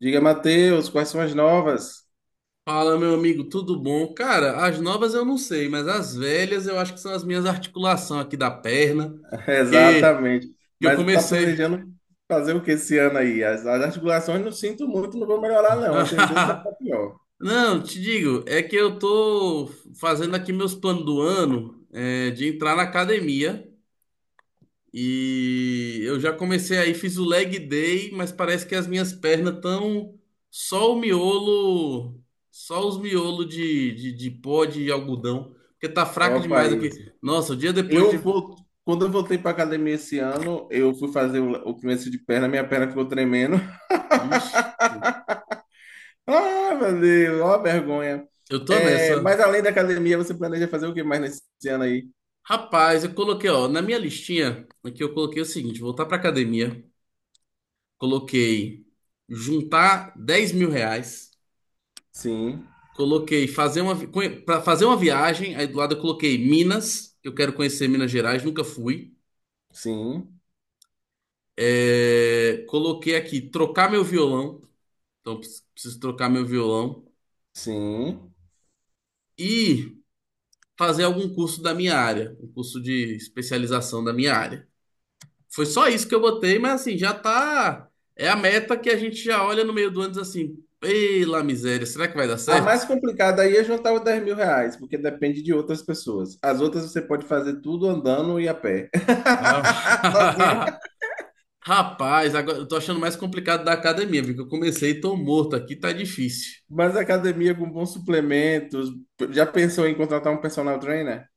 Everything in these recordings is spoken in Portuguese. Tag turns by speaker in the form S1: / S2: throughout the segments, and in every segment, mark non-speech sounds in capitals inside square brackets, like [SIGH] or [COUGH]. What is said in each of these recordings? S1: Diga, Matheus, quais são as novas?
S2: Fala, meu amigo, tudo bom? Cara, as novas eu não sei, mas as velhas eu acho que são as minhas articulações aqui da perna,
S1: [LAUGHS]
S2: que,
S1: Exatamente.
S2: que eu
S1: Mas está
S2: comecei.
S1: planejando fazer o que esse ano aí? As articulações não sinto muito, não vão melhorar, não. A tendência é ficar
S2: [LAUGHS]
S1: pior.
S2: Não, te digo, é que eu tô fazendo aqui meus planos do ano, de entrar na academia e eu já comecei aí, fiz o leg day, mas parece que as minhas pernas estão só o miolo, só os miolos de pó de algodão, porque tá fraca
S1: Opa,
S2: demais aqui.
S1: isso.
S2: Nossa, o dia depois
S1: Eu
S2: de.
S1: vou. Quando eu voltei para academia esse ano, eu fui fazer o começo de perna, minha perna ficou tremendo. [LAUGHS]
S2: Vixe,
S1: Ah, meu Deus, ó a vergonha.
S2: eu tô
S1: É,
S2: nessa.
S1: mas além da academia, você planeja fazer o que mais nesse ano aí?
S2: Rapaz, eu coloquei, ó, na minha listinha, aqui eu coloquei o seguinte: voltar pra academia, coloquei juntar 10.000 reais,
S1: Sim,
S2: coloquei fazer uma, pra fazer uma viagem, aí do lado eu coloquei Minas, que eu quero conhecer Minas Gerais, nunca fui.
S1: sim,
S2: É, coloquei aqui trocar meu violão, então preciso trocar meu violão
S1: sim.
S2: e fazer algum curso da minha área, um curso de especialização da minha área. Foi só isso que eu botei, mas assim, já tá. É a meta que a gente já olha no meio do ano e diz assim: pela miséria, será que vai dar
S1: A
S2: certo?
S1: mais complicada aí é juntar os R$ 10.000, porque depende de outras pessoas. As outras você pode fazer tudo andando e a pé. [LAUGHS] Sozinho.
S2: Ah. [LAUGHS] Rapaz, agora eu tô achando mais complicado da academia, viu? Que eu comecei e tô morto aqui, tá difícil.
S1: Mas a academia com bons suplementos. Já pensou em contratar um personal trainer?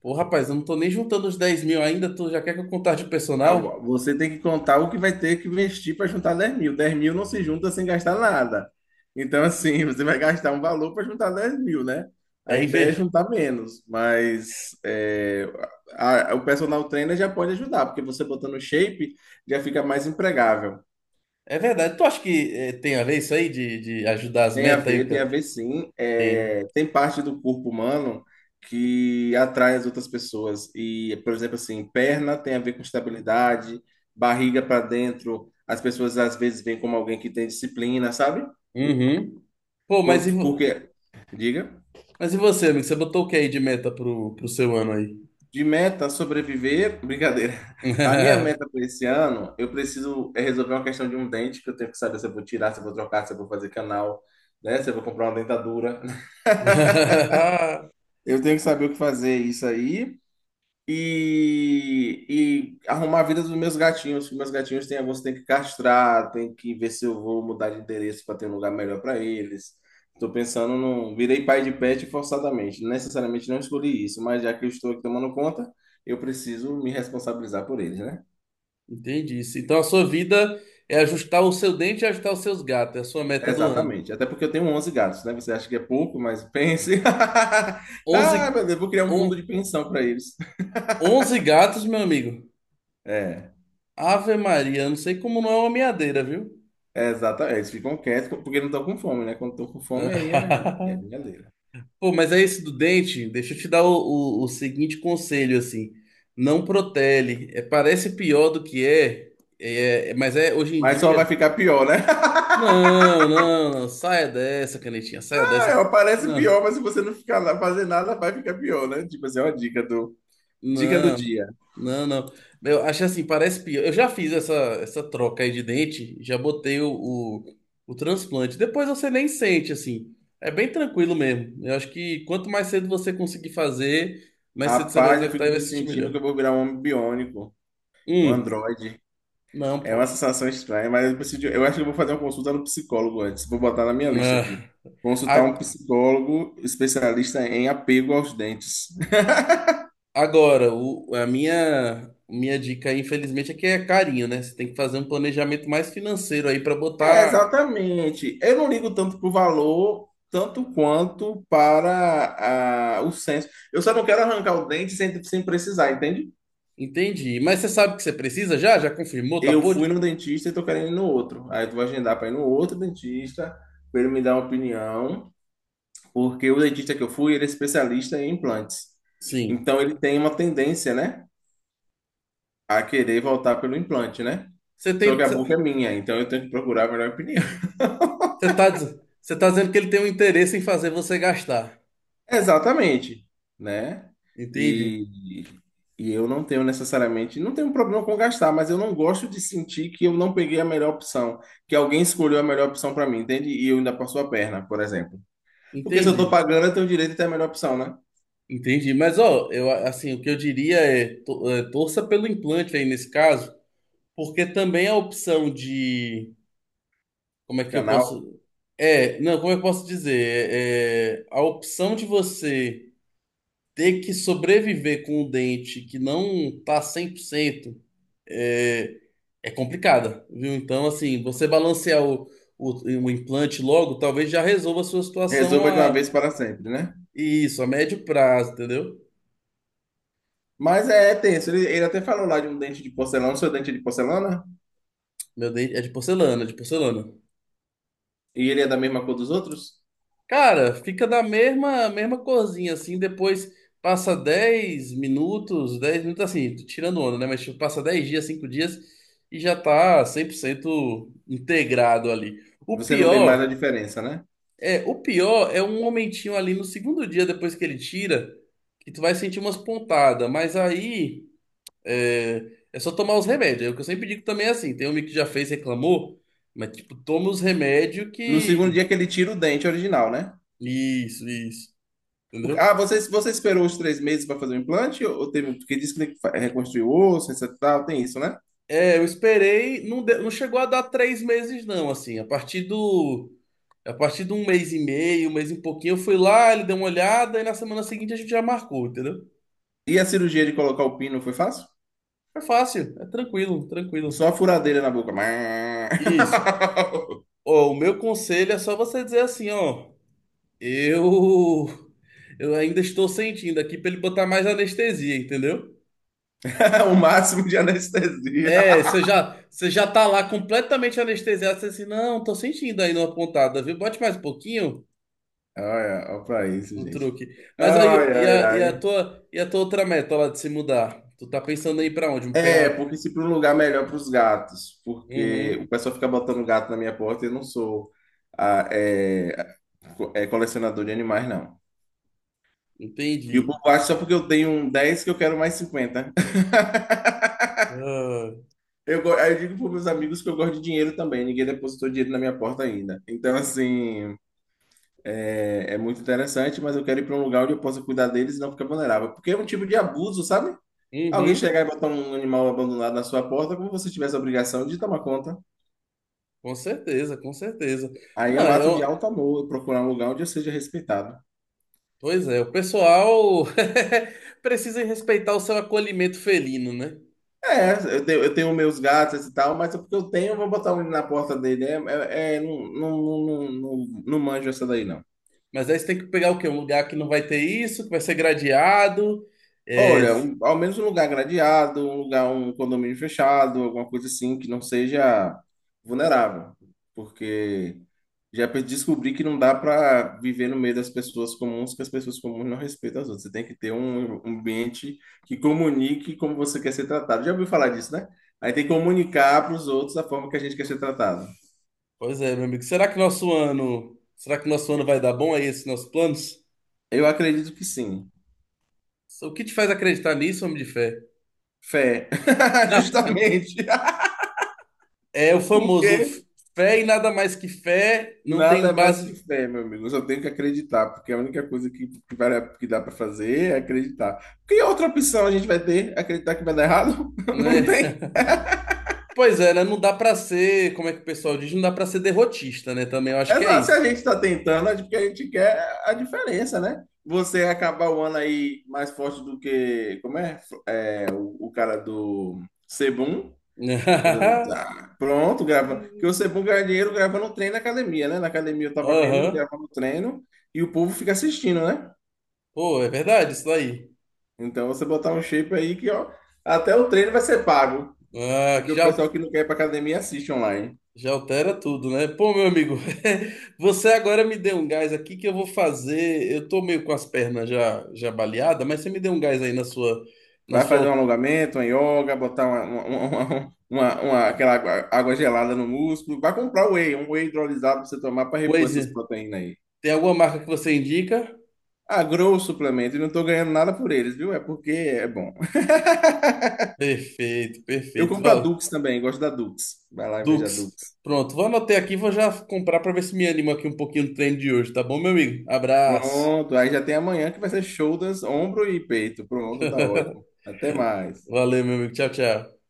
S2: Pô, rapaz, eu não tô nem juntando os 10.000 ainda, tu já quer que eu contar de
S1: Ah,
S2: personal?
S1: você tem que contar o que vai ter que investir para juntar 10.000. 10.000 não se junta sem gastar nada. Então, assim, [LAUGHS] você vai gastar um valor para juntar 10.000, né? A
S2: É em
S1: ideia é
S2: ver.
S1: juntar menos, mas é, o personal trainer já pode ajudar, porque você botando shape já fica mais empregável.
S2: É verdade, tu acha que tem a ver isso aí de ajudar as metas aí? O
S1: Tem a
S2: que...
S1: ver sim.
S2: Tem, né?
S1: É, tem parte do corpo humano que atrai as outras pessoas. E, por exemplo, assim, perna tem a ver com estabilidade, barriga para dentro, as pessoas às vezes veem como alguém que tem disciplina, sabe?
S2: Uhum. Pô, mas e, vo-
S1: Porque, diga,
S2: mas e você, amigo? Você botou o que aí de meta pro seu ano aí?
S1: de meta sobreviver, [LAUGHS] brincadeira. A minha
S2: [LAUGHS]
S1: meta para esse ano, eu preciso é resolver uma questão de um dente, que eu tenho que saber se eu vou tirar, se eu vou trocar, se eu vou fazer canal, né? Se eu vou comprar uma dentadura. [LAUGHS] Eu tenho que saber o que fazer isso aí. E arrumar a vida dos meus gatinhos. Que Meus gatinhos têm alguns que tem que castrar, tem que ver se eu vou mudar de endereço para ter um lugar melhor para eles. Estou pensando no. Virei pai de pet forçadamente. Necessariamente não escolhi isso, mas já que eu estou aqui tomando conta, eu preciso me responsabilizar por eles, né?
S2: Entendi isso. Então a sua vida é ajustar o seu dente e ajustar os seus gatos. É a sua meta do ano.
S1: Exatamente. Até porque eu tenho 11 gatos, né? Você acha que é pouco, mas pense. [LAUGHS]
S2: 11,
S1: Ah, meu Deus, vou criar um
S2: on-
S1: fundo de pensão para eles.
S2: 11 gatos, meu amigo.
S1: É.
S2: Ave Maria, eu não sei como não é uma meadeira, viu?
S1: É, exatamente, eles ficam quietos porque não estão com fome, né? Quando estão com fome, aí é
S2: [LAUGHS]
S1: brincadeira.
S2: Pô, mas é esse do dente. Deixa eu te dar o seguinte conselho, assim. Não protele. É, parece pior do que é, mas é hoje em
S1: Mas só vai
S2: dia.
S1: ficar pior, né? [LAUGHS]
S2: Não, não, não. Saia dessa, canetinha, saia dessa.
S1: Ela parece
S2: Não.
S1: pior, mas se você não ficar lá fazer nada, vai ficar pior, né? Tipo assim, é uma dica do
S2: Não,
S1: dia.
S2: não, não. Eu acho assim, parece pior. Eu já fiz essa troca aí de dente, já botei o transplante. Depois você nem sente, assim. É bem tranquilo mesmo. Eu acho que quanto mais cedo você conseguir fazer, mais cedo você vai
S1: Rapaz, eu
S2: executar e
S1: fico
S2: vai
S1: me
S2: se sentir
S1: sentindo que
S2: melhor.
S1: eu vou virar um homem biônico, um
S2: Hum,
S1: androide.
S2: não,
S1: É uma
S2: pô.
S1: sensação estranha, mas eu preciso, eu acho que eu vou fazer uma consulta no psicólogo antes. Vou botar na minha lista
S2: Ah,
S1: aqui. Consultar
S2: a-
S1: um psicólogo especialista em apego aos dentes.
S2: agora, a minha dica aí, infelizmente, é que é carinho, né? Você tem que fazer um planejamento mais financeiro aí pra
S1: É,
S2: botar.
S1: exatamente. Eu não ligo tanto pro valor, tanto quanto para o senso. Eu só não quero arrancar o dente sem precisar, entende?
S2: Entendi. Mas você sabe o que você precisa já? Já confirmou? Tá
S1: Eu
S2: por?
S1: fui no dentista e tô querendo ir no outro. Aí eu vou agendar para ir no outro dentista, para ele me dar uma opinião, porque o dentista que eu fui, ele é especialista em implantes.
S2: Sim.
S1: Então ele tem uma tendência, né, a querer voltar pelo implante, né?
S2: Você
S1: Só que
S2: tem,
S1: a
S2: você
S1: boca é minha, então eu tenho que procurar a melhor opinião.
S2: tá, diz- você tá dizendo que ele tem um interesse em fazer você gastar.
S1: Exatamente, né?
S2: Entendi,
S1: E, e eu não tenho necessariamente, não tenho problema com gastar, mas eu não gosto de sentir que eu não peguei a melhor opção, que alguém escolheu a melhor opção para mim, entende? E eu ainda passo a perna, por exemplo. Porque se eu tô
S2: entendi,
S1: pagando, eu tenho o direito a ter a melhor opção, né?
S2: entendi. Mas ó, eu assim, o que eu diria é, torça pelo implante aí nesse caso, porque também a opção de, como é que eu
S1: Canal,
S2: posso, não, como eu posso dizer, a opção de você ter que sobreviver com um dente que não tá 100% é, é complicada, viu? Então, assim, você balancear o, o implante logo, talvez já resolva a sua situação
S1: resolva de uma
S2: a
S1: vez para sempre, né?
S2: isso, a médio prazo, entendeu?
S1: Mas é, tenso. Ele até falou lá de um dente de porcelana, o seu dente é de porcelana,
S2: Meu dente é de porcelana, é de porcelana.
S1: e ele é da mesma cor dos outros.
S2: Cara, fica da mesma mesma corzinha assim, depois passa 10 minutos, 10 minutos assim, tô tirando onda, né? Mas tipo, passa 10 dias, 5 dias e já tá 100% integrado ali. O
S1: Você não vê mais a
S2: pior
S1: diferença, né?
S2: o pior é um momentinho ali no segundo dia depois que ele tira, que tu vai sentir umas pontadas, mas aí é só tomar os remédios. É o que eu sempre digo também é assim, tem um amigo que já fez, reclamou, mas tipo, toma os remédios
S1: No segundo
S2: que...
S1: dia que ele tira o dente original, né?
S2: Isso, entendeu?
S1: Ah, você esperou os 3 meses para fazer o implante? Ou teve, um, porque disse que tem que reconstruir o osso, etc, tal, tem isso, né?
S2: É, eu esperei, não chegou a dar 3 meses não, assim, a partir do... A partir de um mês e meio, um mês e pouquinho, eu fui lá, ele deu uma olhada e na semana seguinte a gente já marcou, entendeu?
S1: E a cirurgia de colocar o pino foi fácil?
S2: É fácil, é tranquilo, tranquilo.
S1: Só a furadeira na boca.
S2: Isso.
S1: [LAUGHS]
S2: Ó, o meu conselho é só você dizer assim, ó, eu eu ainda estou sentindo aqui para ele botar mais anestesia, entendeu?
S1: O máximo de anestesia.
S2: É, você já tá lá completamente anestesiado, você assim, não, tô sentindo aí numa pontada, viu? Bote mais um pouquinho
S1: Olha pra isso,
S2: o
S1: gente.
S2: truque. Mas aí
S1: Ai,
S2: e a,
S1: ai,
S2: e a
S1: ai.
S2: tua e a tua outra meta lá de se mudar? Tu tá pensando aí para onde?
S1: É,
S2: Pegar uma...
S1: porque se para um lugar melhor para os gatos, porque o
S2: Uhum,
S1: pessoal fica botando gato na minha porta e eu não sou ah, é, colecionador de animais, não. E o
S2: entendi.
S1: povo acha só porque eu tenho um 10 que eu quero mais 50 [LAUGHS]
S2: Ah,
S1: Aí eu digo para meus amigos que eu gosto de dinheiro também, ninguém depositou dinheiro na minha porta ainda. Então, assim, é muito interessante, mas eu quero ir para um lugar onde eu possa cuidar deles e não ficar vulnerável. Porque é um tipo de abuso, sabe? Alguém
S2: uhum,
S1: chegar e botar um animal abandonado na sua porta, como se você tivesse a obrigação de tomar conta.
S2: com certeza, com certeza.
S1: Aí
S2: Não,
S1: é um
S2: é,
S1: ato de
S2: um,
S1: alto amor, eu procurar um lugar onde eu seja respeitado.
S2: Pois é, o pessoal [LAUGHS] precisa respeitar o seu acolhimento felino, né?
S1: É, eu tenho meus gatos e tal, mas é porque eu tenho, eu vou botar um na porta dele. É, não, não, não, não, não manjo essa daí, não.
S2: Mas aí você tem que pegar o quê? Um lugar que não vai ter isso, que vai ser gradeado. É.
S1: Olha, ao menos um lugar gradeado, um lugar, um condomínio fechado, alguma coisa assim que não seja vulnerável. Porque já descobri que não dá para viver no meio das pessoas comuns, que as pessoas comuns não respeitam as outras. Você tem que ter um ambiente que comunique como você quer ser tratado. Já ouviu falar disso, né? Aí tem que comunicar para os outros a forma que a gente quer ser tratado.
S2: Pois é, meu amigo. Será que nosso ano vai dar bom aí esses nossos planos?
S1: Eu acredito que sim.
S2: O que te faz acreditar nisso, homem de fé?
S1: Fé. [LAUGHS]
S2: [LAUGHS]
S1: Justamente. [LAUGHS]
S2: É o famoso
S1: Porque
S2: fé e nada mais que fé, não tem
S1: nada mais que
S2: base,
S1: fé, meu amigo. Eu só tenho que acreditar, porque a única coisa que, que dá para fazer é acreditar. Que outra opção a gente vai ter? Acreditar que vai dar errado? [LAUGHS] Não
S2: né?
S1: tem.
S2: [LAUGHS] Pois é, né? Não dá pra ser, como é que o pessoal diz, não dá pra ser derrotista, né? Também eu acho que é
S1: Exato. Se a
S2: isso.
S1: gente está tentando, é porque a gente quer a diferença, né? Você acabar o ano aí mais forte do que. Como é? É, o cara do Sebum.
S2: [LAUGHS]
S1: Tá. Pronto, grava. Porque você é bom ganhar dinheiro gravando um treino na academia, né? Na academia eu tava vendo ele
S2: Aham.
S1: gravando o treino e o povo fica assistindo, né?
S2: Pô, é verdade isso daí.
S1: Então você botar um shape aí que, ó, até o treino vai ser pago.
S2: Ah, que
S1: Porque o
S2: já,
S1: pessoal que não quer ir pra academia assiste online.
S2: já altera tudo, né? Pô, meu amigo, [LAUGHS] você agora me deu um gás aqui que eu vou fazer. Eu tô meio com as pernas já baleadas, mas você me deu um gás aí na sua, na
S1: Vai fazer um
S2: sua
S1: alongamento, uma yoga, botar aquela água gelada no músculo. Vai comprar whey, um whey hidrolisado pra você tomar pra repor essas
S2: coisa.
S1: proteínas aí.
S2: Tem alguma marca que você indica?
S1: Ah, grow suplemento e não tô ganhando nada por eles, viu? É porque é bom.
S2: Perfeito,
S1: Eu
S2: perfeito.
S1: compro a Dux também, gosto da Dux. Vai lá e veja a Dux.
S2: Dux. Pronto, vou anotar aqui, e vou já comprar pra ver se me anima aqui um pouquinho no treino de hoje, tá bom, meu amigo? Abraço.
S1: Pronto, aí já tem amanhã que vai ser shoulders, ombro e peito. Pronto, tá ótimo.
S2: [LAUGHS]
S1: Até mais.
S2: Valeu, meu amigo. Tchau, tchau.